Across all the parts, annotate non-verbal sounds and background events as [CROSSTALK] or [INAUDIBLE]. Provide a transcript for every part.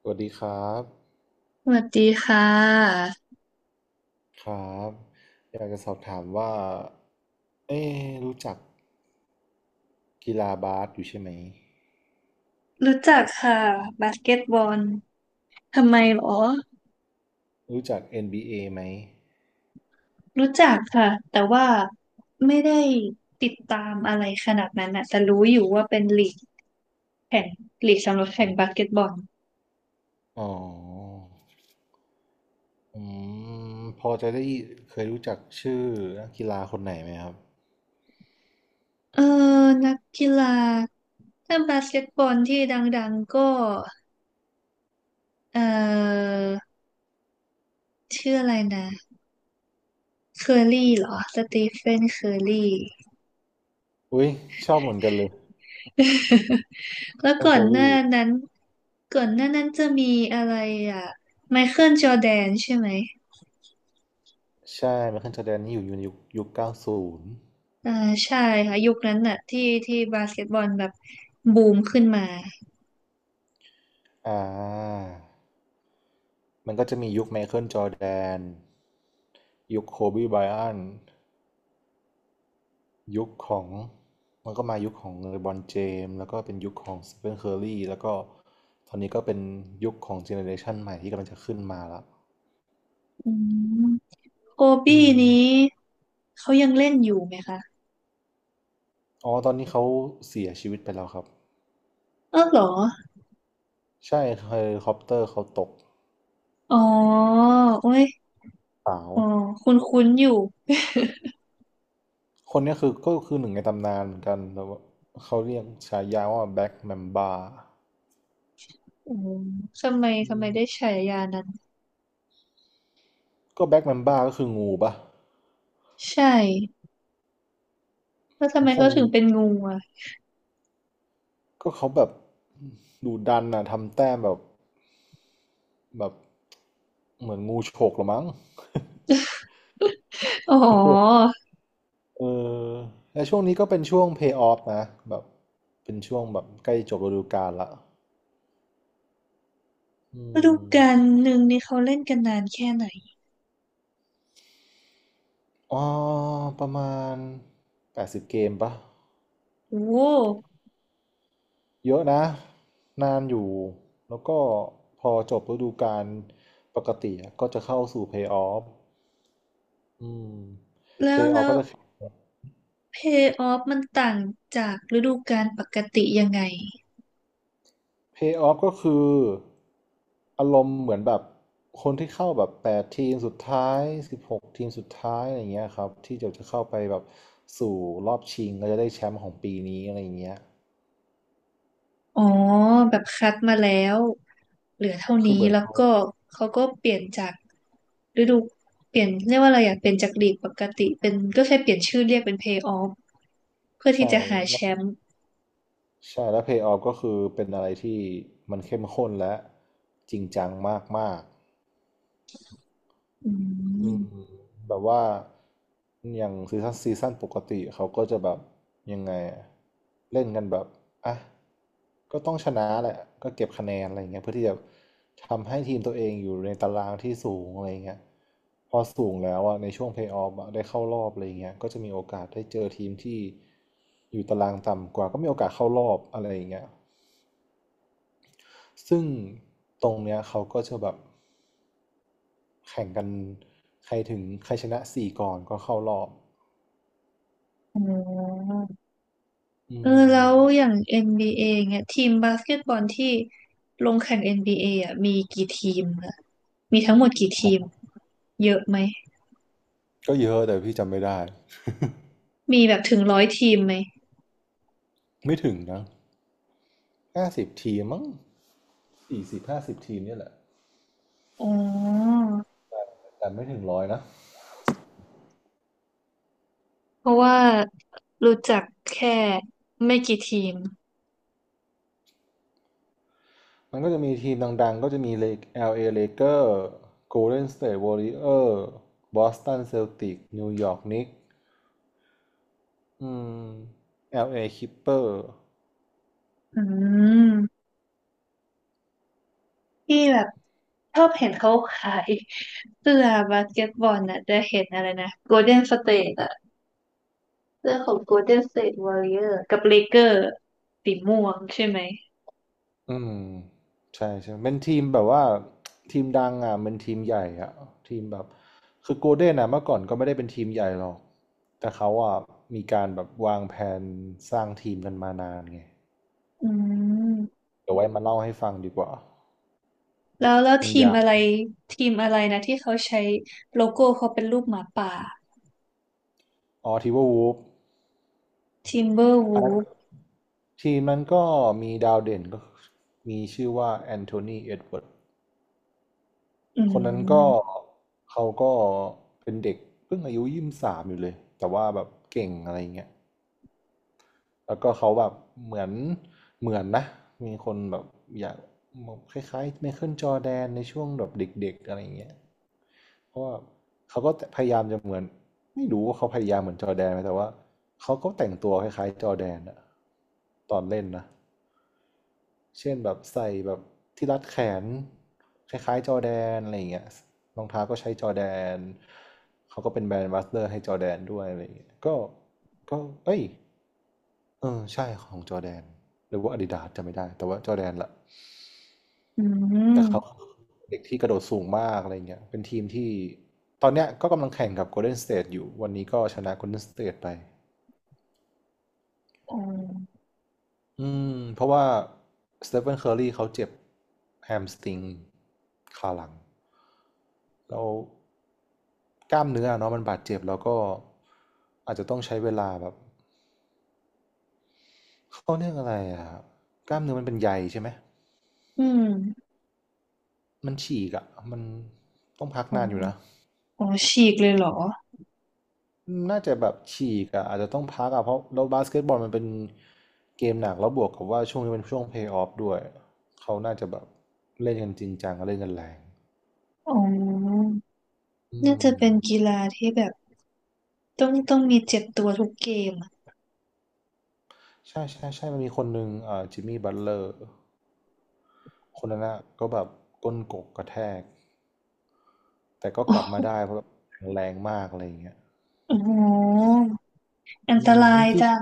สวัสดีครับสวัสดีค่ะครับอยากจะสอบถามว่าเอ๊ะรู้จักกีฬาบาสอยู่ใช่ไหมรู้จักค่ะบาสเกตบอลทำไมหรอรู้จัก NBA ไหมรู้จักค่ะแต่ว่าไม่ได้ติดตามอะไรขนาดนั้นนะแต่รู้อยู่ว่าเป็นลีกแข่งลีกสำหรับคแข่งรับาสบเกตบอลอ๋ออืมพอจะได้เคยรู้จักชื่อนักกีฬาคนไหนไหมครับเออนักกีฬาถ้าบาสเกตบอลที่ดังๆก็เออชื่ออะไรนะเคอร์รี่เหรอสตีเฟนเคอร์รี่ อุ้ยชอบเหมือนกันเลย [LAUGHS] แล้วไมก่อเคินลหน้าลีนั้นก่อนหน้านั้นจะมีอะไรอ่ะไมเคิลจอร์แดนใช่ไหมใช่ไมเคิลจอร์แดนนี่อยู่ในยุคเก้าศูนย์อ่าใช่ค่ะยุคนั้นน่ะที่บาสเกตบอลแบบบูมขึ้นมาอ่ามันก็จะมียุคไมเคิลจอร์แดนยุคโคบีไบรอัน ยุคของมันก็มายุคของเลบรอนเจมส์แล้วก็เป็นยุคของสเตฟานเคอร์รี่แล้วก็ตอนนี้ก็เป็นยุคของเจเนอเรชันใหม่ที่กำลังจะขึ้นมาแล้วอืมโคอืบี้มนี้เขายังเล่นอยู่ไหมคะอ๋อตอนนี้เขาเสียชีวิตไปแล้วครับเออเหรอใช่เฮลิคอปเตอร์เขาตกอ๋อโอ้ยสาวอ๋อคุ้นคุ้นอยู่คนเนี้ยคือก็คือหนึ่งในตำนานเหมือนกันแต่ว่าเขาเรียกฉายาว่าแบ็กแมมบาอืมทำไมอืทำไมมได้ฉายานั้นก็แบ็กแมมบาก็คืองูปะใช่แล้วทำไมคเขางถึงเป็นงูอ่ะก็เขาแบบดูดันอะทำแต้มแบบ แบบเหมือนงูฉกละมั้ง อ๋อ [LAUGHS] เออและช่วงนี้ก็เป็นช่วง pay off นะแบบเป็นช่วงแบบใกล้จบฤดูกาลละอืฤดูมกาลหนึ่งนี่เขาเล่นกันนานแค่ไหนอ๋อประมาณ80 เกมปะ โอ้ เยอะนะนานอยู่ แล้วก็พอจบฤดูกาลปกติอะก็จะเข้าสู่ Playoff อืม แล้ว Playoff แล้วก็จะ เพย์ออฟมันต่างจากฤดูกาลปกติยังไง Pay off ก็คืออารมณ์เหมือนแบบคนที่เข้าแบบแปดทีมสุดท้ายสิบหกทีมสุดท้ายอะไรเงี้ยครับที่จะเข้าไปแบบสู่รอบชิงก็จะได้แชมป์ของปีนี้อะไรเงี้ยอ๋อแบบคัดมาแล้วเหลือเท่าคือเหนี้มือนแล้วเขาก็เขาก็เปลี่ยนจากฤดูเปลี่ยนเรียกว่าอะไรอะเปลี่ยนจากลีกปกติเป็นก็แค่เปลี่ยนชื่อเรียกเป็นเพย์ออฟเพื่อที่ใช่จะหาแชแล้วมป์ใช่แล้ว Pay off ก็คือเป็นอะไรที่มันเข้มข้นและจริงจังมากก อือืมมแบบว่าอย่างซีซั่นปกติเขาก็จะแบบยังไงอะเล่นกันแบบอ่ะก็ต้องชนะแหละก็เก็บคะแนนอะไรเงี้ยเพื่อที่จะทำให้ทีมตัวเองอยู่ในตารางที่สูงอะไรเงี้ยพอสูงแล้วอ่ะในช่วงเพลย์ออฟได้เข้ารอบอะไรเงี้ยก็จะมีโอกาสได้เจอทีมที่อยู่ตารางต่ำกว่าก็มีโอกาสเข้ารอบอะไรอย่างเงี้ย ซึ่งตรงเนี้ยเขาก็จะแบบแข่งกันใครถึงใครชนะสี่ก่อนก็เข้ารอบอ๋ออืเออแล้มวอย่าง n b ีเอเนี่ยทีมบาสเกตบอลที่ลงแข่งเอ็นบี a ออ่ะมีกี่ทีมอะมีทั้งหมดกี่อ๋ทีมอเยอะไหม ก็เยอะแต่พี่จำไม่ได้ มีแบบถึงร้อยทีมไหมไม่ถึงนะ50 ทีมมั้งสี่สิบห้าสิบทีมเนี่ยแหละ อ๋อแต่ไม่ถึง100นะ เพราะว่ารู้จักแค่ไม่กี่ทีมมันก็จะมีทีมดังๆก็จะมีเล LA Lakers Golden State Warrior Boston Celtics New York Knicks อืม LA Clipper อืมที่แบบชอบเห็นเขาขายเสื้อบาสเกตบอลน่ะจะเห็นอะไรนะโกลเด้นสเตทอะเสื้อของโกลเด้นสเตทวอริเออร์กับเลเกอร์สีม่วงใช่ไหมอืมใช่ใช่เป็นทีมแบบว่าทีมดังอ่ะมันทีมใหญ่อ่ะทีมแบบคือโกลเด้นอ่ะเมื่อก่อนก็ไม่ได้เป็นทีมใหญ่หรอกแต่เขาอ่ะมีการแบบวางแผนสร้างทีมกันมานานไงอืมเดี๋ยวไว้มาเล่าให้ฟังดีกว่าแล้วมันทีมยาวอะไรทีมอะไรนะที่เขาใช้โลโก้เขาเป็นรูปหมาป่าอ๋อทีเวอร์วูฟทิมเบอร์อันวูนั้นฟทีมนั้นก็มีดาวเด่นก็มีชื่อว่าแอนโทนีเอ็ดเวิร์ดอืคนนั้นก็มเขาก็เป็นเด็กเพิ่งอายุ23อยู่เลยแต่ว่าแบบเก่งอะไรเงี้ย แล้วก็เขาแบบเหมือนเหมือนนะมีคนแบบอยากคล้ายๆไมเคิลจอร์แดนในช่วงแบบเด็กๆอะไรอย่างเงี้ยเพราะว่าเขาก็พยายามจะเหมือนไม่รู้ว่าเขาพยายามเหมือนจอร์แดนไหมแต่ว่าเขาก็แต่งตัวคล้ายๆจอร์แดนอะตอนเล่นนะเช่นแบบใส่แบบที่รัดแขนคล้ายๆจอร์แดนอะไรอย่างเงี้ยรองเท้าก็ใช้จอร์แดนเขาก็เป็นแบรนด์แอมบัสเดอร์ให้จอร์แดนด้วยอะไรอย่างเงี้ยก็ก็เอ้ย เออใช่ของจอร์แดนหรือว่าอาดิดาสจำไม่ได้แต่ว่าจอร์แดนละอืแต่เขามเด็กที่กระโดดสูงมากอะไรเงี้ยเป็นทีมที่ตอนเนี้ยก็กำลังแข่งกับโกลเด้นสเต e อยู่วันนี้ก็ชนะโกลเด้นสเต e ไปอ๋ออืมเพราะว่าสเตฟ h นเคอร์รีเขาเจ็บแฮมสตริงขาหลังแล้วกล้ามเนื้อเนาะมันบาดเจ็บแล้วก็อาจจะต้องใช้เวลาแบบเขาเรียกอะไรอะกล้ามเนื้อมันเป็นใยใช่ไหม อืม มันฉีกอะมันต้องพักอ๋อนานอยู่นะ อ๋อฉีกเลยเหรอ น่าจะแบบฉีกอะอาจจะต้องพักอะเพราะเราบาสเกตบอลมันเป็นเกมหนักแล้วบวกกับว่าช่วงนี้เป็นช่วงเพลย์ออฟด้วย เขาน่าจะแบบเล่นกันจริงจังเล่นกันแรงอ๋อ อืน่าจะมเป็นกีฬาที่แบบต้องมีเจ็บตัวทุกเกมอะใช่ใช่ใช่ มันมีคนหนึ่งจิมมี่บัตเลอร์คนนั้นนะก็แบบก้นกกกระแทก แต่ก็อ๋กอลับมาได้เพราะแบบแข็งแรงมากอะไรอย่างเงี้ยอ๋อ อันอืตมราจยริง จัง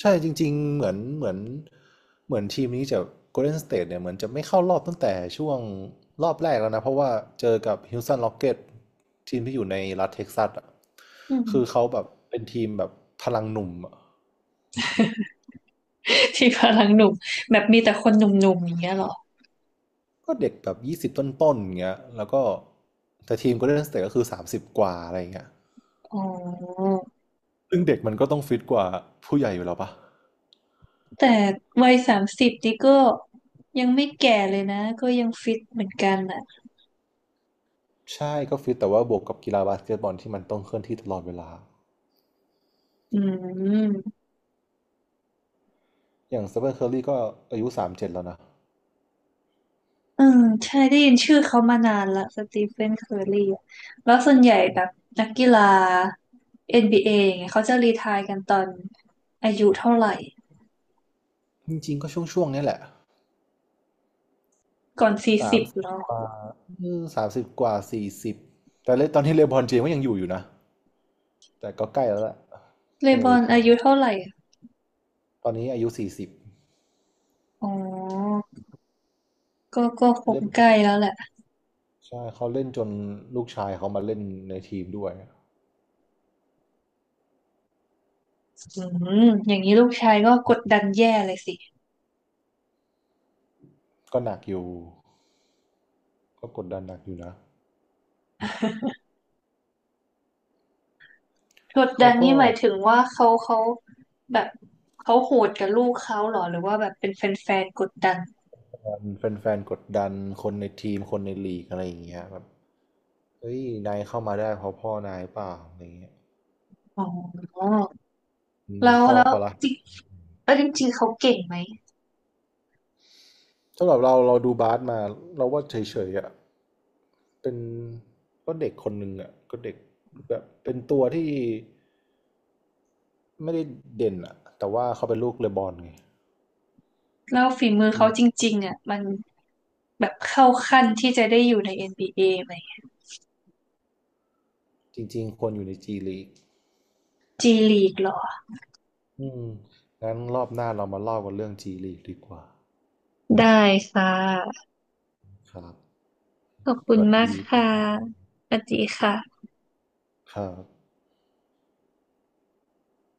ใช่จริงๆเหมือนทีมนี้จะ Golden State เนี่ยเหมือนจะไม่เข้ารอบตั้งแต่ช่วงรอบแรกแล้วนะเพราะว่าเจอกับ Houston Rockets ทีมที่อยู่ในรัฐเท็กซัสอ่ะอืคือมเขาแบบเป็นทีมแบบพลังหนุ่มอะที่พลังหนุ่มแบบมีแต่คนหนุ่มๆอย่างเงี้ยเหรอ ก็เด็กแบบยี่สิบต้นๆอย่างเงี้ยแล้วก็แต่ทีม Golden State ก็คือสามสิบกว่าอะไรอย่างเงี้ยอ๋อ ซึ่งเด็กมันก็ต้องฟิตกว่าผู้ใหญ่อยู่แล้วปะแต่วัยสามสิบนี่ก็ยังไม่แก่เลยนะ ก็ยังฟิตเหมือนกันอ่ะใช่ก็ฟิตแต่ว่าบวกกับกีฬาบาสเกตบอลที่มันต้องเคลื่อนที่ตลอดเวลาอืม อย่างเซเ n นเคอรีก็อายุ37แล้วนะ อืมใช่ได้ยินชื่อเขามานานละสตีเฟนเคอร์รีอะแล้วส่วนใหญ่แบบนักกีฬา NBA อนบีเออย่างเงี้ยเขาจะรีไทร์กันตอนอายุเท่าไหร่จริงๆก็ช่วงๆเนี้ยแหละก่อนสี่สาสิมบสิบหรอกว่าสามสิบกว่าสี่สิบแต่เลยตอนนี้เลบรอนเจมส์ก็ยังอยู่นะแต่ก็ใกล้แล้วแหละเลใกล้บจะรอรีนไทอาร์ยุแล้วเท่าไหร่ตอนนี้อายุสี่สิบอ๋อก็ก็คงเล่นใกล้แล้วแหละใช่เขาเล่นจนลูกชายเขามาเล่นในทีมด้วยอืมอย่างนี้ลูกชายก็กดดันแย่เลยสิก็หนักอยู่ก็กดดันหนักอยู่นะกดเขาดันก็นี่หมายถึงว่าเขาแบบเขาโหดกับลูกเขาเหรอหรือว่าแบบเป็นแฟนๆกดดันแฟนๆกดดันคนในทีมคนในลีกอะไรอย่างเงี้ยแบบเฮ้ยนายเข้ามาได้เพราะพ่อนายเปล่าอะไรอย่างเงี้ยอ๋อมันมีแล้วข้อแล้วก็ละจริงแล้วจริงๆเขาเก่งไหม สำหรับเราเราดูบาสมาเราว่าเฉยๆอะ เป็นก็เด็กคนหนึ่งอ่ะก็เด็กแบบเป็นตัวที่ไม่ได้เด่นอ่ะแต่ว่าเขาเป็นลูกเลบอนไงแล้วฝีมืออืเขามจริงๆอ่ะมันแบบเข้าขั้นที่จะได้อยู่ใน NBA ไหมจริงๆควรอยู่ในจีลีกจีลีกหรออืมงั้นรอบหน้าเรามาเล่ากันเรื่องจีลีกดีกว่าได้ค่ะครับขอบสคุณวัสมากดีค่ะสวัสดีค่ะครับ